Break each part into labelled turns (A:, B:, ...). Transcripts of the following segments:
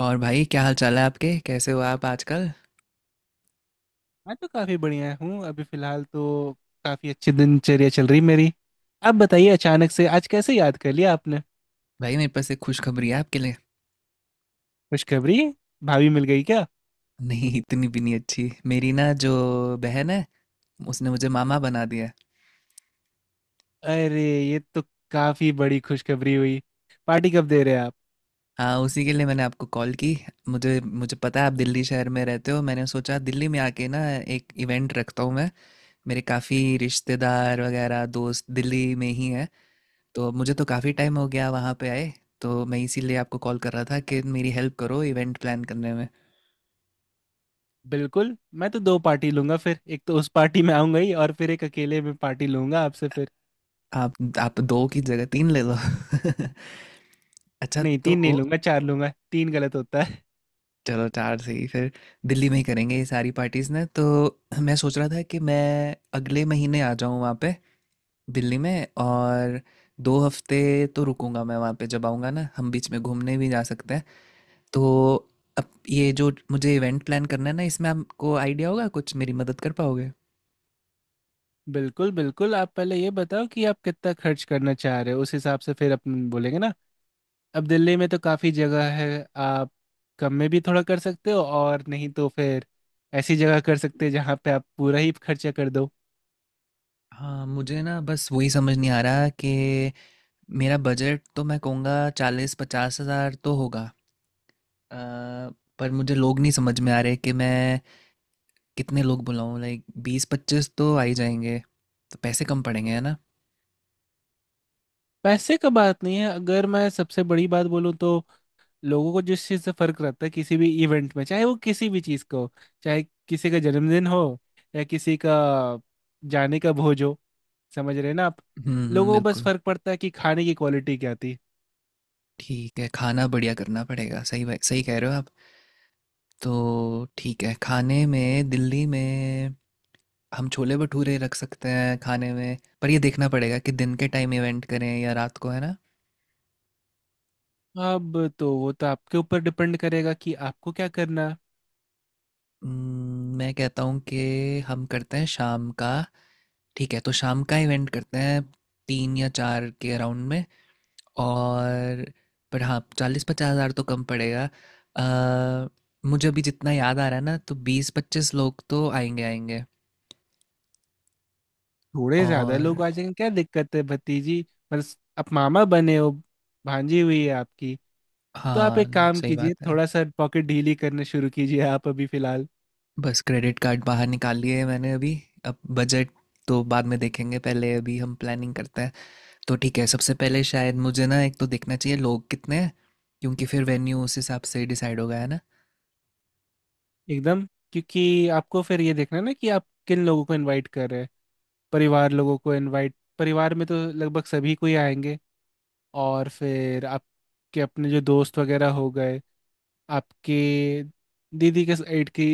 A: और भाई क्या हाल चाल है आपके कैसे हो आप आजकल।
B: मैं तो काफी बढ़िया हूँ अभी फिलहाल तो काफी अच्छी दिनचर्या चल रही मेरी। आप बताइए अचानक से आज कैसे याद कर लिया आपने।
A: भाई मेरे पास एक खुशखबरी है आपके लिए।
B: खुशखबरी? भाभी मिल गई क्या?
A: नहीं इतनी भी नहीं अच्छी मेरी ना जो बहन है उसने मुझे मामा बना दिया है।
B: अरे ये तो काफी बड़ी खुशखबरी हुई। पार्टी कब दे रहे हैं आप?
A: हाँ उसी के लिए मैंने आपको कॉल की। मुझे मुझे पता है आप दिल्ली शहर में रहते हो मैंने सोचा दिल्ली में आके ना एक इवेंट रखता हूँ मैं। मेरे काफ़ी रिश्तेदार वगैरह दोस्त दिल्ली में ही हैं तो मुझे तो काफ़ी टाइम हो गया वहाँ पे आए। तो मैं इसीलिए आपको कॉल कर रहा था कि मेरी हेल्प करो इवेंट प्लान करने में।
B: बिल्कुल। मैं तो दो पार्टी लूंगा फिर, एक तो उस पार्टी में आऊंगा ही और फिर एक अकेले में पार्टी लूंगा आपसे फिर।
A: आप आप दो की जगह तीन ले लो। अच्छा
B: नहीं
A: तो
B: तीन नहीं लूंगा, चार लूंगा। तीन गलत होता है।
A: चलो चार से ही फिर दिल्ली में ही करेंगे ये सारी पार्टीज ना। तो मैं सोच रहा था कि मैं अगले महीने आ जाऊँ वहाँ पे दिल्ली में, और 2 हफ्ते तो रुकूंगा मैं वहाँ पे। जब आऊँगा ना हम बीच में घूमने भी जा सकते हैं। तो अब ये जो मुझे इवेंट प्लान करना है ना इसमें आपको आइडिया होगा कुछ, मेरी मदद कर पाओगे?
B: बिल्कुल बिल्कुल। आप पहले ये बताओ कि आप कितना खर्च करना चाह रहे हो, उस हिसाब से फिर अपन बोलेंगे ना। अब दिल्ली में तो काफ़ी जगह है। आप कम में भी थोड़ा कर सकते हो और नहीं तो फिर ऐसी जगह कर सकते हैं जहाँ पे आप पूरा ही खर्चा कर दो।
A: हाँ मुझे ना बस वही समझ नहीं आ रहा कि मेरा बजट तो मैं कहूँगा 40-50 हज़ार तो होगा। अ, पर मुझे लोग नहीं समझ में आ रहे कि मैं कितने लोग बुलाऊँ। लाइक 20-25 तो आ ही जाएँगे। तो पैसे कम पड़ेंगे, है ना?
B: पैसे का बात नहीं है, अगर मैं सबसे बड़ी बात बोलूँ तो लोगों को जिस चीज़ से फ़र्क रहता है किसी भी इवेंट में, चाहे वो किसी भी चीज़ को, चाहे किसी का जन्मदिन हो या किसी का जाने का भोज हो, समझ रहे हैं ना आप।
A: हुँ, हुँ,
B: लोगों को बस
A: बिल्कुल।
B: फ़र्क पड़ता है कि खाने की क्वालिटी क्या थी।
A: ठीक है, खाना बढ़िया करना पड़ेगा। सही ब सही कह रहे हो आप। तो ठीक है, खाने में दिल्ली में हम छोले-भटूरे रख सकते हैं खाने में, पर ये देखना पड़ेगा कि दिन के टाइम इवेंट करें या रात को, है ना?
B: अब तो वो तो आपके ऊपर डिपेंड करेगा कि आपको क्या करना है।
A: मैं कहता हूँ कि हम करते हैं शाम का। ठीक है, तो शाम का इवेंट करते हैं 3 या 4 के अराउंड में। और पर हाँ 40-50 हज़ार तो कम पड़ेगा। अ, मुझे अभी जितना याद आ रहा है ना तो 20-25 लोग तो आएंगे आएंगे।
B: थोड़े ज्यादा लोग
A: और
B: आ जाएंगे, क्या दिक्कत है भतीजी। बस आप मामा बने हो, भांजी हुई है आपकी। तो आप
A: हाँ
B: एक काम
A: सही बात
B: कीजिए,
A: है।
B: थोड़ा सा पॉकेट ढीली करने शुरू कीजिए आप अभी फिलहाल।
A: बस क्रेडिट कार्ड बाहर निकाल लिए है मैंने अभी। अब बजट तो बाद में देखेंगे, पहले अभी हम प्लानिंग करते हैं। तो ठीक है सबसे पहले शायद मुझे ना एक तो देखना चाहिए लोग कितने हैं, क्योंकि फिर वेन्यू उस हिसाब से डिसाइड होगा, है ना?
B: एकदम। क्योंकि आपको फिर ये देखना है ना कि आप किन लोगों को इनवाइट कर रहे हैं। परिवार लोगों को इनवाइट, परिवार में तो लगभग सभी कोई आएंगे, और फिर आपके अपने जो दोस्त वगैरह हो गए, आपके दीदी के साइड की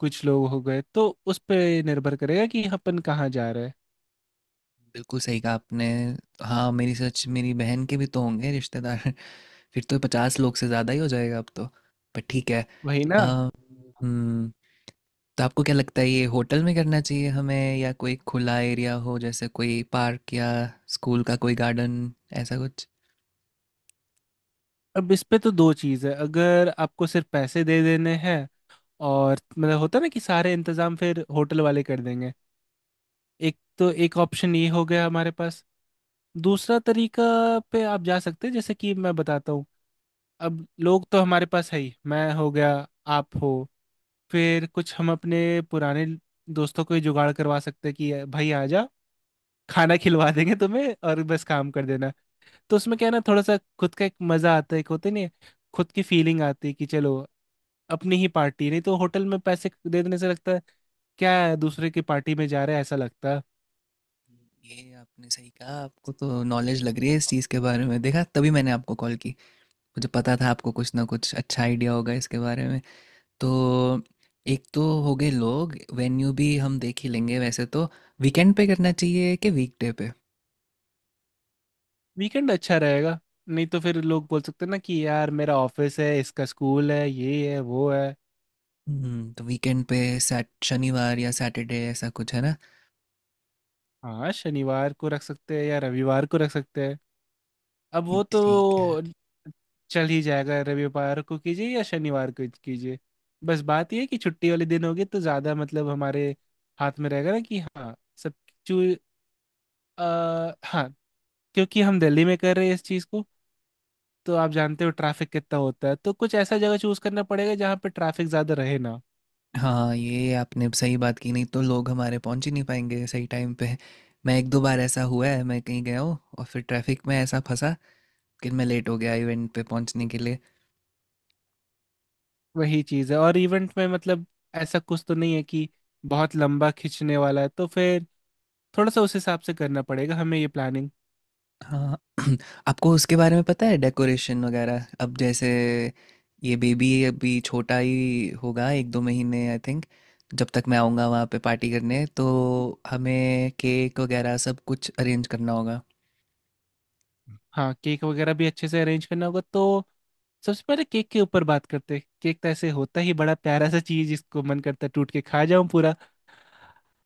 B: कुछ लोग हो गए, तो उस पे निर्भर करेगा कि अपन कहाँ जा रहे हैं।
A: बिल्कुल सही कहा आपने। हाँ मेरी सच मेरी बहन के भी तो होंगे रिश्तेदार। फिर तो 50 लोग से ज़्यादा ही हो जाएगा अब तो। पर ठीक है।
B: वही
A: अ,
B: ना।
A: हम्म, तो आपको क्या लगता है ये होटल में करना चाहिए हमें या कोई खुला एरिया हो, जैसे कोई पार्क या स्कूल का कोई गार्डन, ऐसा कुछ?
B: अब इस पे तो दो चीज़ है। अगर आपको सिर्फ पैसे दे देने हैं और मतलब होता है ना कि सारे इंतजाम फिर होटल वाले कर देंगे, एक तो एक ऑप्शन ये हो गया हमारे पास। दूसरा तरीका पे आप जा सकते हैं, जैसे कि मैं बताता हूँ। अब लोग तो हमारे पास है ही, मैं हो गया, आप हो, फिर कुछ हम अपने पुराने दोस्तों को ही जुगाड़ करवा सकते हैं कि भाई आ जा, खाना खिलवा देंगे तुम्हें और बस काम कर देना। तो उसमें क्या है ना, थोड़ा सा खुद का एक मजा आता है, एक होते नहीं है, खुद की फीलिंग आती है कि चलो अपनी ही पार्टी। नहीं तो होटल में पैसे दे देने से लगता है क्या है, दूसरे की पार्टी में जा रहे हैं ऐसा लगता है।
A: ये आपने सही कहा, आपको तो नॉलेज लग रही है इस चीज़ के बारे में, देखा तभी मैंने आपको कॉल की। मुझे पता था आपको कुछ ना कुछ अच्छा आइडिया होगा इसके बारे में। तो एक तो हो गए लोग, वेन्यू भी हम देख ही लेंगे वैसे तो। वीकेंड पे करना चाहिए कि वीकडे पे?
B: वीकेंड अच्छा रहेगा। नहीं तो फिर लोग बोल सकते हैं ना कि यार मेरा ऑफिस है, इसका स्कूल है, ये है वो है।
A: तो वीकेंड पे, सैट शनिवार या सैटरडे ऐसा कुछ, है ना?
B: हाँ शनिवार को रख सकते हैं या रविवार को रख सकते हैं। अब
A: ये
B: वो
A: ठीक है।
B: तो चल ही जाएगा, रविवार को कीजिए या शनिवार को कीजिए। बस बात ये है कि छुट्टी वाले दिन होगी तो ज़्यादा मतलब हमारे हाथ में रहेगा ना कि हाँ सब। चू हाँ। क्योंकि हम दिल्ली में कर रहे हैं इस चीज़ को, तो आप जानते हो ट्रैफिक कितना होता है। तो कुछ ऐसा जगह चूज करना पड़ेगा जहाँ पे ट्रैफिक ज्यादा रहे ना।
A: हाँ ये आपने सही बात की, नहीं तो लोग हमारे पहुंच ही नहीं पाएंगे सही टाइम पे। मैं एक दो बार ऐसा हुआ है मैं कहीं गया हूँ और फिर ट्रैफिक में ऐसा फंसा कि मैं लेट हो गया इवेंट पे पहुंचने के लिए।
B: वही चीज है। और इवेंट में मतलब ऐसा कुछ तो नहीं है कि बहुत लंबा खींचने वाला है, तो फिर थोड़ा सा उस हिसाब से करना पड़ेगा हमें ये प्लानिंग।
A: हाँ आपको उसके बारे में पता है डेकोरेशन वगैरह? अब जैसे ये बेबी अभी छोटा ही होगा, एक दो महीने आई थिंक, जब तक मैं आऊँगा वहाँ पे पार्टी करने। तो हमें केक वगैरह सब कुछ अरेंज करना होगा।
B: हाँ केक वगैरह भी अच्छे से अरेंज करना होगा, तो सबसे पहले केक के ऊपर बात करते हैं। केक तो ऐसे होता ही बड़ा प्यारा सा चीज जिसको मन करता है टूट के खा जाऊं पूरा।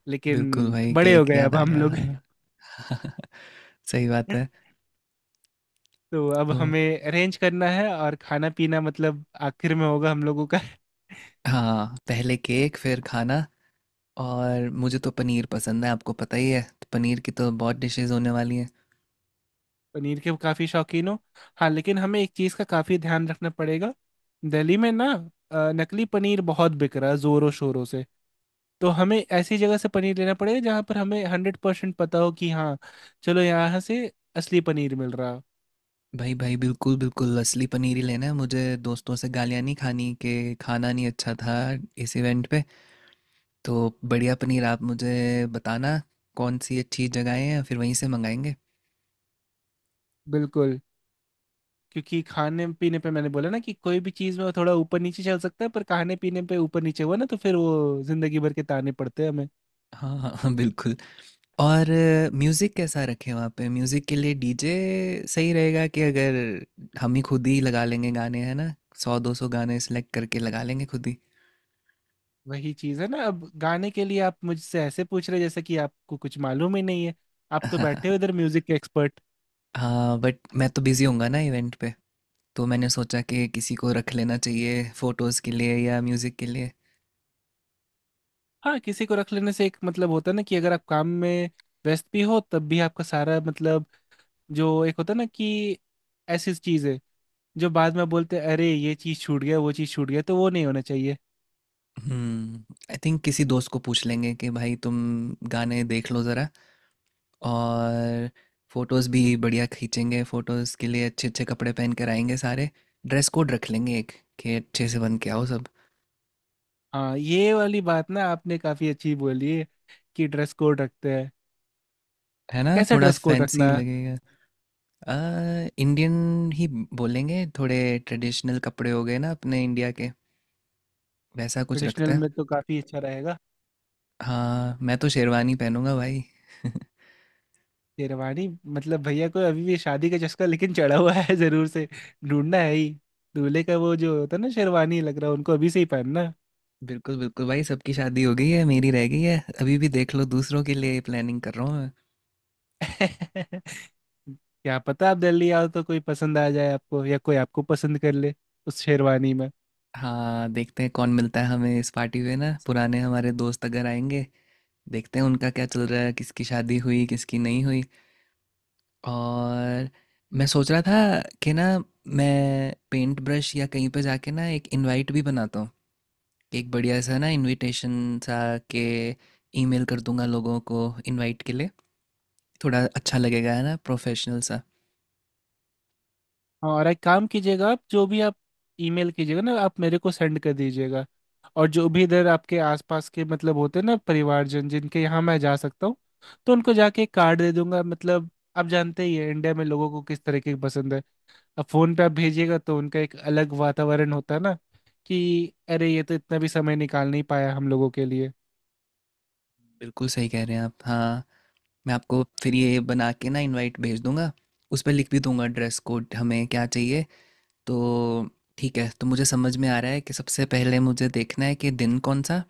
B: लेकिन
A: बिल्कुल भाई
B: बड़े हो
A: केक
B: गए
A: याद
B: अब
A: आ
B: हम
A: गया
B: लोग।
A: हाँ। सही बात है।
B: तो अब
A: तो
B: हमें अरेंज करना है, और खाना पीना मतलब आखिर में होगा हम लोगों का।
A: हाँ पहले केक फिर खाना। और मुझे तो पनीर पसंद है, आपको पता ही है, तो पनीर की तो बहुत डिशेस होने वाली हैं।
B: पनीर के काफी शौकीन हो। हाँ लेकिन हमें एक चीज का काफी ध्यान रखना पड़ेगा। दिल्ली में ना नकली पनीर बहुत बिक रहा है जोरों शोरों से। तो हमें ऐसी जगह से पनीर लेना पड़ेगा जहाँ पर हमें 100% पता हो कि हाँ चलो यहाँ से असली पनीर मिल रहा।
A: भाई भाई बिल्कुल बिल्कुल असली पनीर ही लेना है मुझे। दोस्तों से गालियाँ नहीं खानी कि खाना नहीं अच्छा था इस इवेंट पे। तो बढ़िया पनीर आप मुझे बताना कौन सी अच्छी जगहें हैं, फिर वहीं से मंगाएंगे।
B: बिल्कुल। क्योंकि खाने पीने पे मैंने बोला ना कि कोई भी चीज़ में थोड़ा ऊपर नीचे चल सकता है, पर खाने पीने पे ऊपर नीचे हुआ ना तो फिर वो जिंदगी भर के ताने पड़ते हैं हमें।
A: हाँ हाँ हाँ बिल्कुल। और म्यूज़िक कैसा रखें वहाँ पे? म्यूज़िक के लिए डीजे सही रहेगा कि अगर हम ही खुद ही लगा लेंगे गाने, है ना? 100-200 गाने सेलेक्ट करके लगा लेंगे खुद ही।
B: वही चीज है ना। अब गाने के लिए आप मुझसे ऐसे पूछ रहे जैसे कि आपको कुछ मालूम ही नहीं है। आप तो बैठे हो इधर म्यूजिक के एक्सपर्ट।
A: हाँ बट मैं तो बिज़ी होऊंगा ना इवेंट पे, तो मैंने सोचा कि किसी को रख लेना चाहिए फोटोज़ के लिए या म्यूज़िक के लिए।
B: हाँ किसी को रख लेने से एक मतलब होता है ना कि अगर आप काम में व्यस्त भी हो तब भी आपका सारा मतलब, जो एक होता है ना कि ऐसी चीज है जो बाद में बोलते हैं अरे ये चीज छूट गया वो चीज छूट गया, तो वो नहीं होना चाहिए।
A: हम्म आई थिंक किसी दोस्त को पूछ लेंगे कि भाई तुम गाने देख लो ज़रा। और फोटोज़ भी बढ़िया खींचेंगे, फोटोज़ के लिए अच्छे अच्छे कपड़े पहन कर आएंगे सारे। ड्रेस कोड रख लेंगे एक कि अच्छे से बन के आओ सब।
B: हाँ ये वाली बात ना आपने काफी अच्छी बोली है, कि ड्रेस कोड रखते हैं।
A: है ना,
B: कैसा
A: थोड़ा
B: ड्रेस कोड
A: फैंसी
B: रखना है?
A: लगेगा। इंडियन ही बोलेंगे, थोड़े ट्रेडिशनल कपड़े हो गए ना अपने इंडिया के, वैसा कुछ रखते
B: ट्रेडिशनल
A: हैं।
B: में तो काफी अच्छा रहेगा।
A: हाँ मैं तो शेरवानी पहनूंगा भाई।
B: शेरवानी? मतलब भैया को अभी भी शादी का चस्का लेकिन चढ़ा हुआ है जरूर से। ढूंढना है ही दूल्हे का वो जो होता है ना, शेरवानी लग रहा है उनको अभी से ही पहनना।
A: बिल्कुल बिल्कुल भाई सबकी शादी हो गई है, मेरी रह गई है, अभी भी देख लो दूसरों के लिए प्लानिंग कर रहा हूँ मैं।
B: क्या पता आप दिल्ली आओ तो कोई पसंद आ जाए आपको या कोई आपको पसंद कर ले उस शेरवानी में।
A: हाँ देखते हैं कौन मिलता है हमें इस पार्टी में ना, पुराने हमारे दोस्त अगर आएंगे देखते हैं उनका क्या चल रहा है, किसकी शादी हुई किसकी नहीं हुई। और मैं सोच रहा था कि ना मैं पेंट ब्रश या कहीं पे जाके ना एक इनवाइट भी बनाता हूँ, एक बढ़िया सा ना इनविटेशन सा के ईमेल कर दूंगा लोगों को इनवाइट के लिए। थोड़ा अच्छा लगेगा है ना प्रोफेशनल सा।
B: और एक काम कीजिएगा, आप जो भी आप ईमेल कीजिएगा ना आप मेरे को सेंड कर दीजिएगा। और जो भी इधर आपके आसपास के मतलब होते हैं ना परिवारजन जिनके यहाँ मैं जा सकता हूँ, तो उनको जाके एक कार्ड दे दूंगा मतलब। आप जानते ही है इंडिया में लोगों को किस तरीके की पसंद है। अब फोन पे आप भेजिएगा तो उनका एक अलग वातावरण होता है ना कि अरे ये तो इतना भी समय निकाल नहीं पाया हम लोगों के लिए।
A: बिल्कुल सही कह रहे हैं आप हाँ। मैं आपको फिर ये बना के ना इनवाइट भेज दूंगा, उस पर लिख भी दूंगा ड्रेस कोड हमें क्या चाहिए। तो ठीक है, तो मुझे समझ में आ रहा है कि सबसे पहले मुझे देखना है कि दिन कौन सा,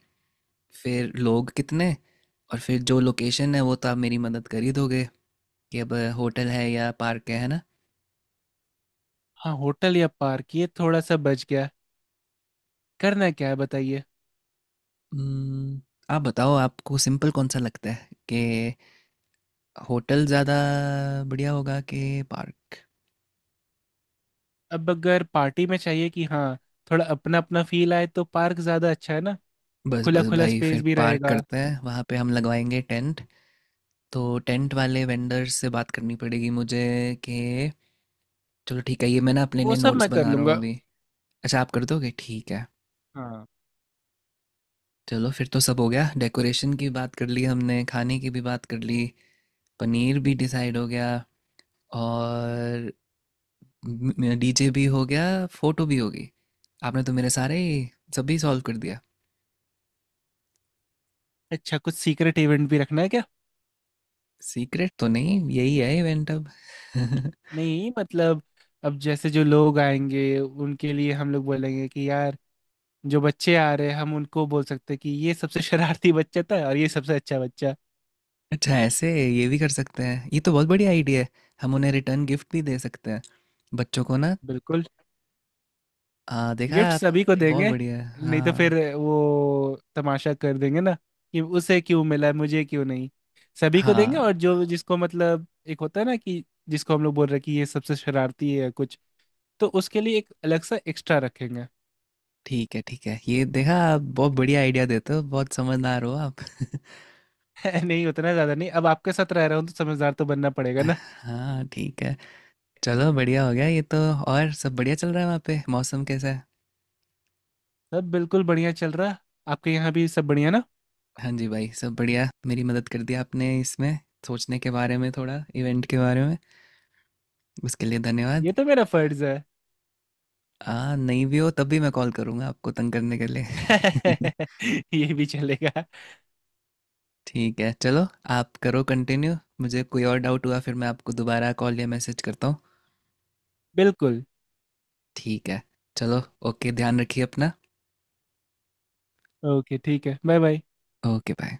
A: फिर लोग कितने, और फिर जो लोकेशन है वो तो आप मेरी मदद कर ही दोगे कि अब होटल है या पार्क है ना?
B: हाँ होटल या पार्क ये थोड़ा सा बच गया। करना क्या है बताइए।
A: हम्म, आप बताओ आपको सिंपल कौन सा लगता है कि होटल ज़्यादा बढ़िया होगा कि पार्क?
B: अब अगर पार्टी में चाहिए कि हाँ थोड़ा अपना अपना फील आए तो पार्क ज्यादा अच्छा है ना।
A: बस
B: खुला
A: बस
B: खुला
A: भाई फिर
B: स्पेस भी
A: पार्क
B: रहेगा।
A: करते हैं, वहाँ पे हम लगवाएंगे टेंट। तो टेंट वाले वेंडर से बात करनी पड़ेगी मुझे कि चलो ठीक है, ये मैं ना अपने
B: वो
A: लिए
B: सब
A: नोट्स
B: मैं कर
A: बना रहा हूँ
B: लूंगा।
A: अभी। अच्छा आप कर दोगे, ठीक है।
B: हाँ।
A: चलो फिर तो सब हो गया, डेकोरेशन की बात कर ली हमने, खाने की भी बात कर ली, पनीर भी डिसाइड हो गया, और डीजे भी हो गया, फोटो भी होगी। आपने तो मेरे सारे सभी सॉल्व कर दिया।
B: अच्छा कुछ सीक्रेट इवेंट भी रखना है क्या?
A: सीक्रेट तो नहीं, यही है इवेंट अब।
B: नहीं मतलब अब जैसे जो लोग आएंगे उनके लिए हम लोग बोलेंगे कि यार जो बच्चे आ रहे हैं हम उनको बोल सकते हैं कि ये सबसे शरारती बच्चा था और ये सबसे अच्छा बच्चा।
A: अच्छा ऐसे ये भी कर सकते हैं, ये तो बहुत बढ़िया आइडिया है। हम उन्हें रिटर्न गिफ्ट भी दे सकते हैं बच्चों को ना।
B: बिल्कुल।
A: देखा
B: गिफ्ट
A: आप?
B: सभी को
A: बहुत
B: देंगे।
A: बढ़िया।
B: नहीं तो
A: हाँ,
B: फिर वो तमाशा कर देंगे ना कि उसे क्यों मिला मुझे क्यों नहीं। सभी को देंगे,
A: हाँ,
B: और जो जिसको मतलब एक होता है ना कि जिसको हम लोग बोल रहे हैं कि ये सबसे शरारती है या कुछ, तो उसके लिए एक अलग सा एक्स्ट्रा रखेंगे।
A: ठीक है, ठीक है। ये देखा आप बहुत बढ़िया आइडिया देते हो, बहुत समझदार हो आप।
B: नहीं उतना ज्यादा नहीं। अब आपके साथ रह रहा हूँ तो समझदार तो बनना पड़ेगा ना।
A: हाँ, ठीक है। चलो बढ़िया हो गया ये तो। और सब बढ़िया चल रहा है वहाँ पे? मौसम कैसा है?
B: सब बिल्कुल बढ़िया चल रहा। आपके यहाँ भी सब बढ़िया ना।
A: हाँ जी भाई, सब बढ़िया। मेरी मदद कर दी आपने इसमें सोचने के बारे में थोड़ा, इवेंट के बारे में। उसके लिए धन्यवाद।
B: ये तो मेरा फर्ज है।
A: नहीं भी हो तब भी मैं कॉल करूँगा आपको तंग करने के लिए।
B: ये भी चलेगा।
A: ठीक है, चलो आप करो कंटिन्यू। मुझे कोई और डाउट हुआ फिर मैं आपको दोबारा कॉल या मैसेज करता हूँ।
B: बिल्कुल।
A: ठीक है, चलो, ओके, ध्यान रखिए अपना।
B: ओके ठीक है बाय बाय।
A: Okay bye.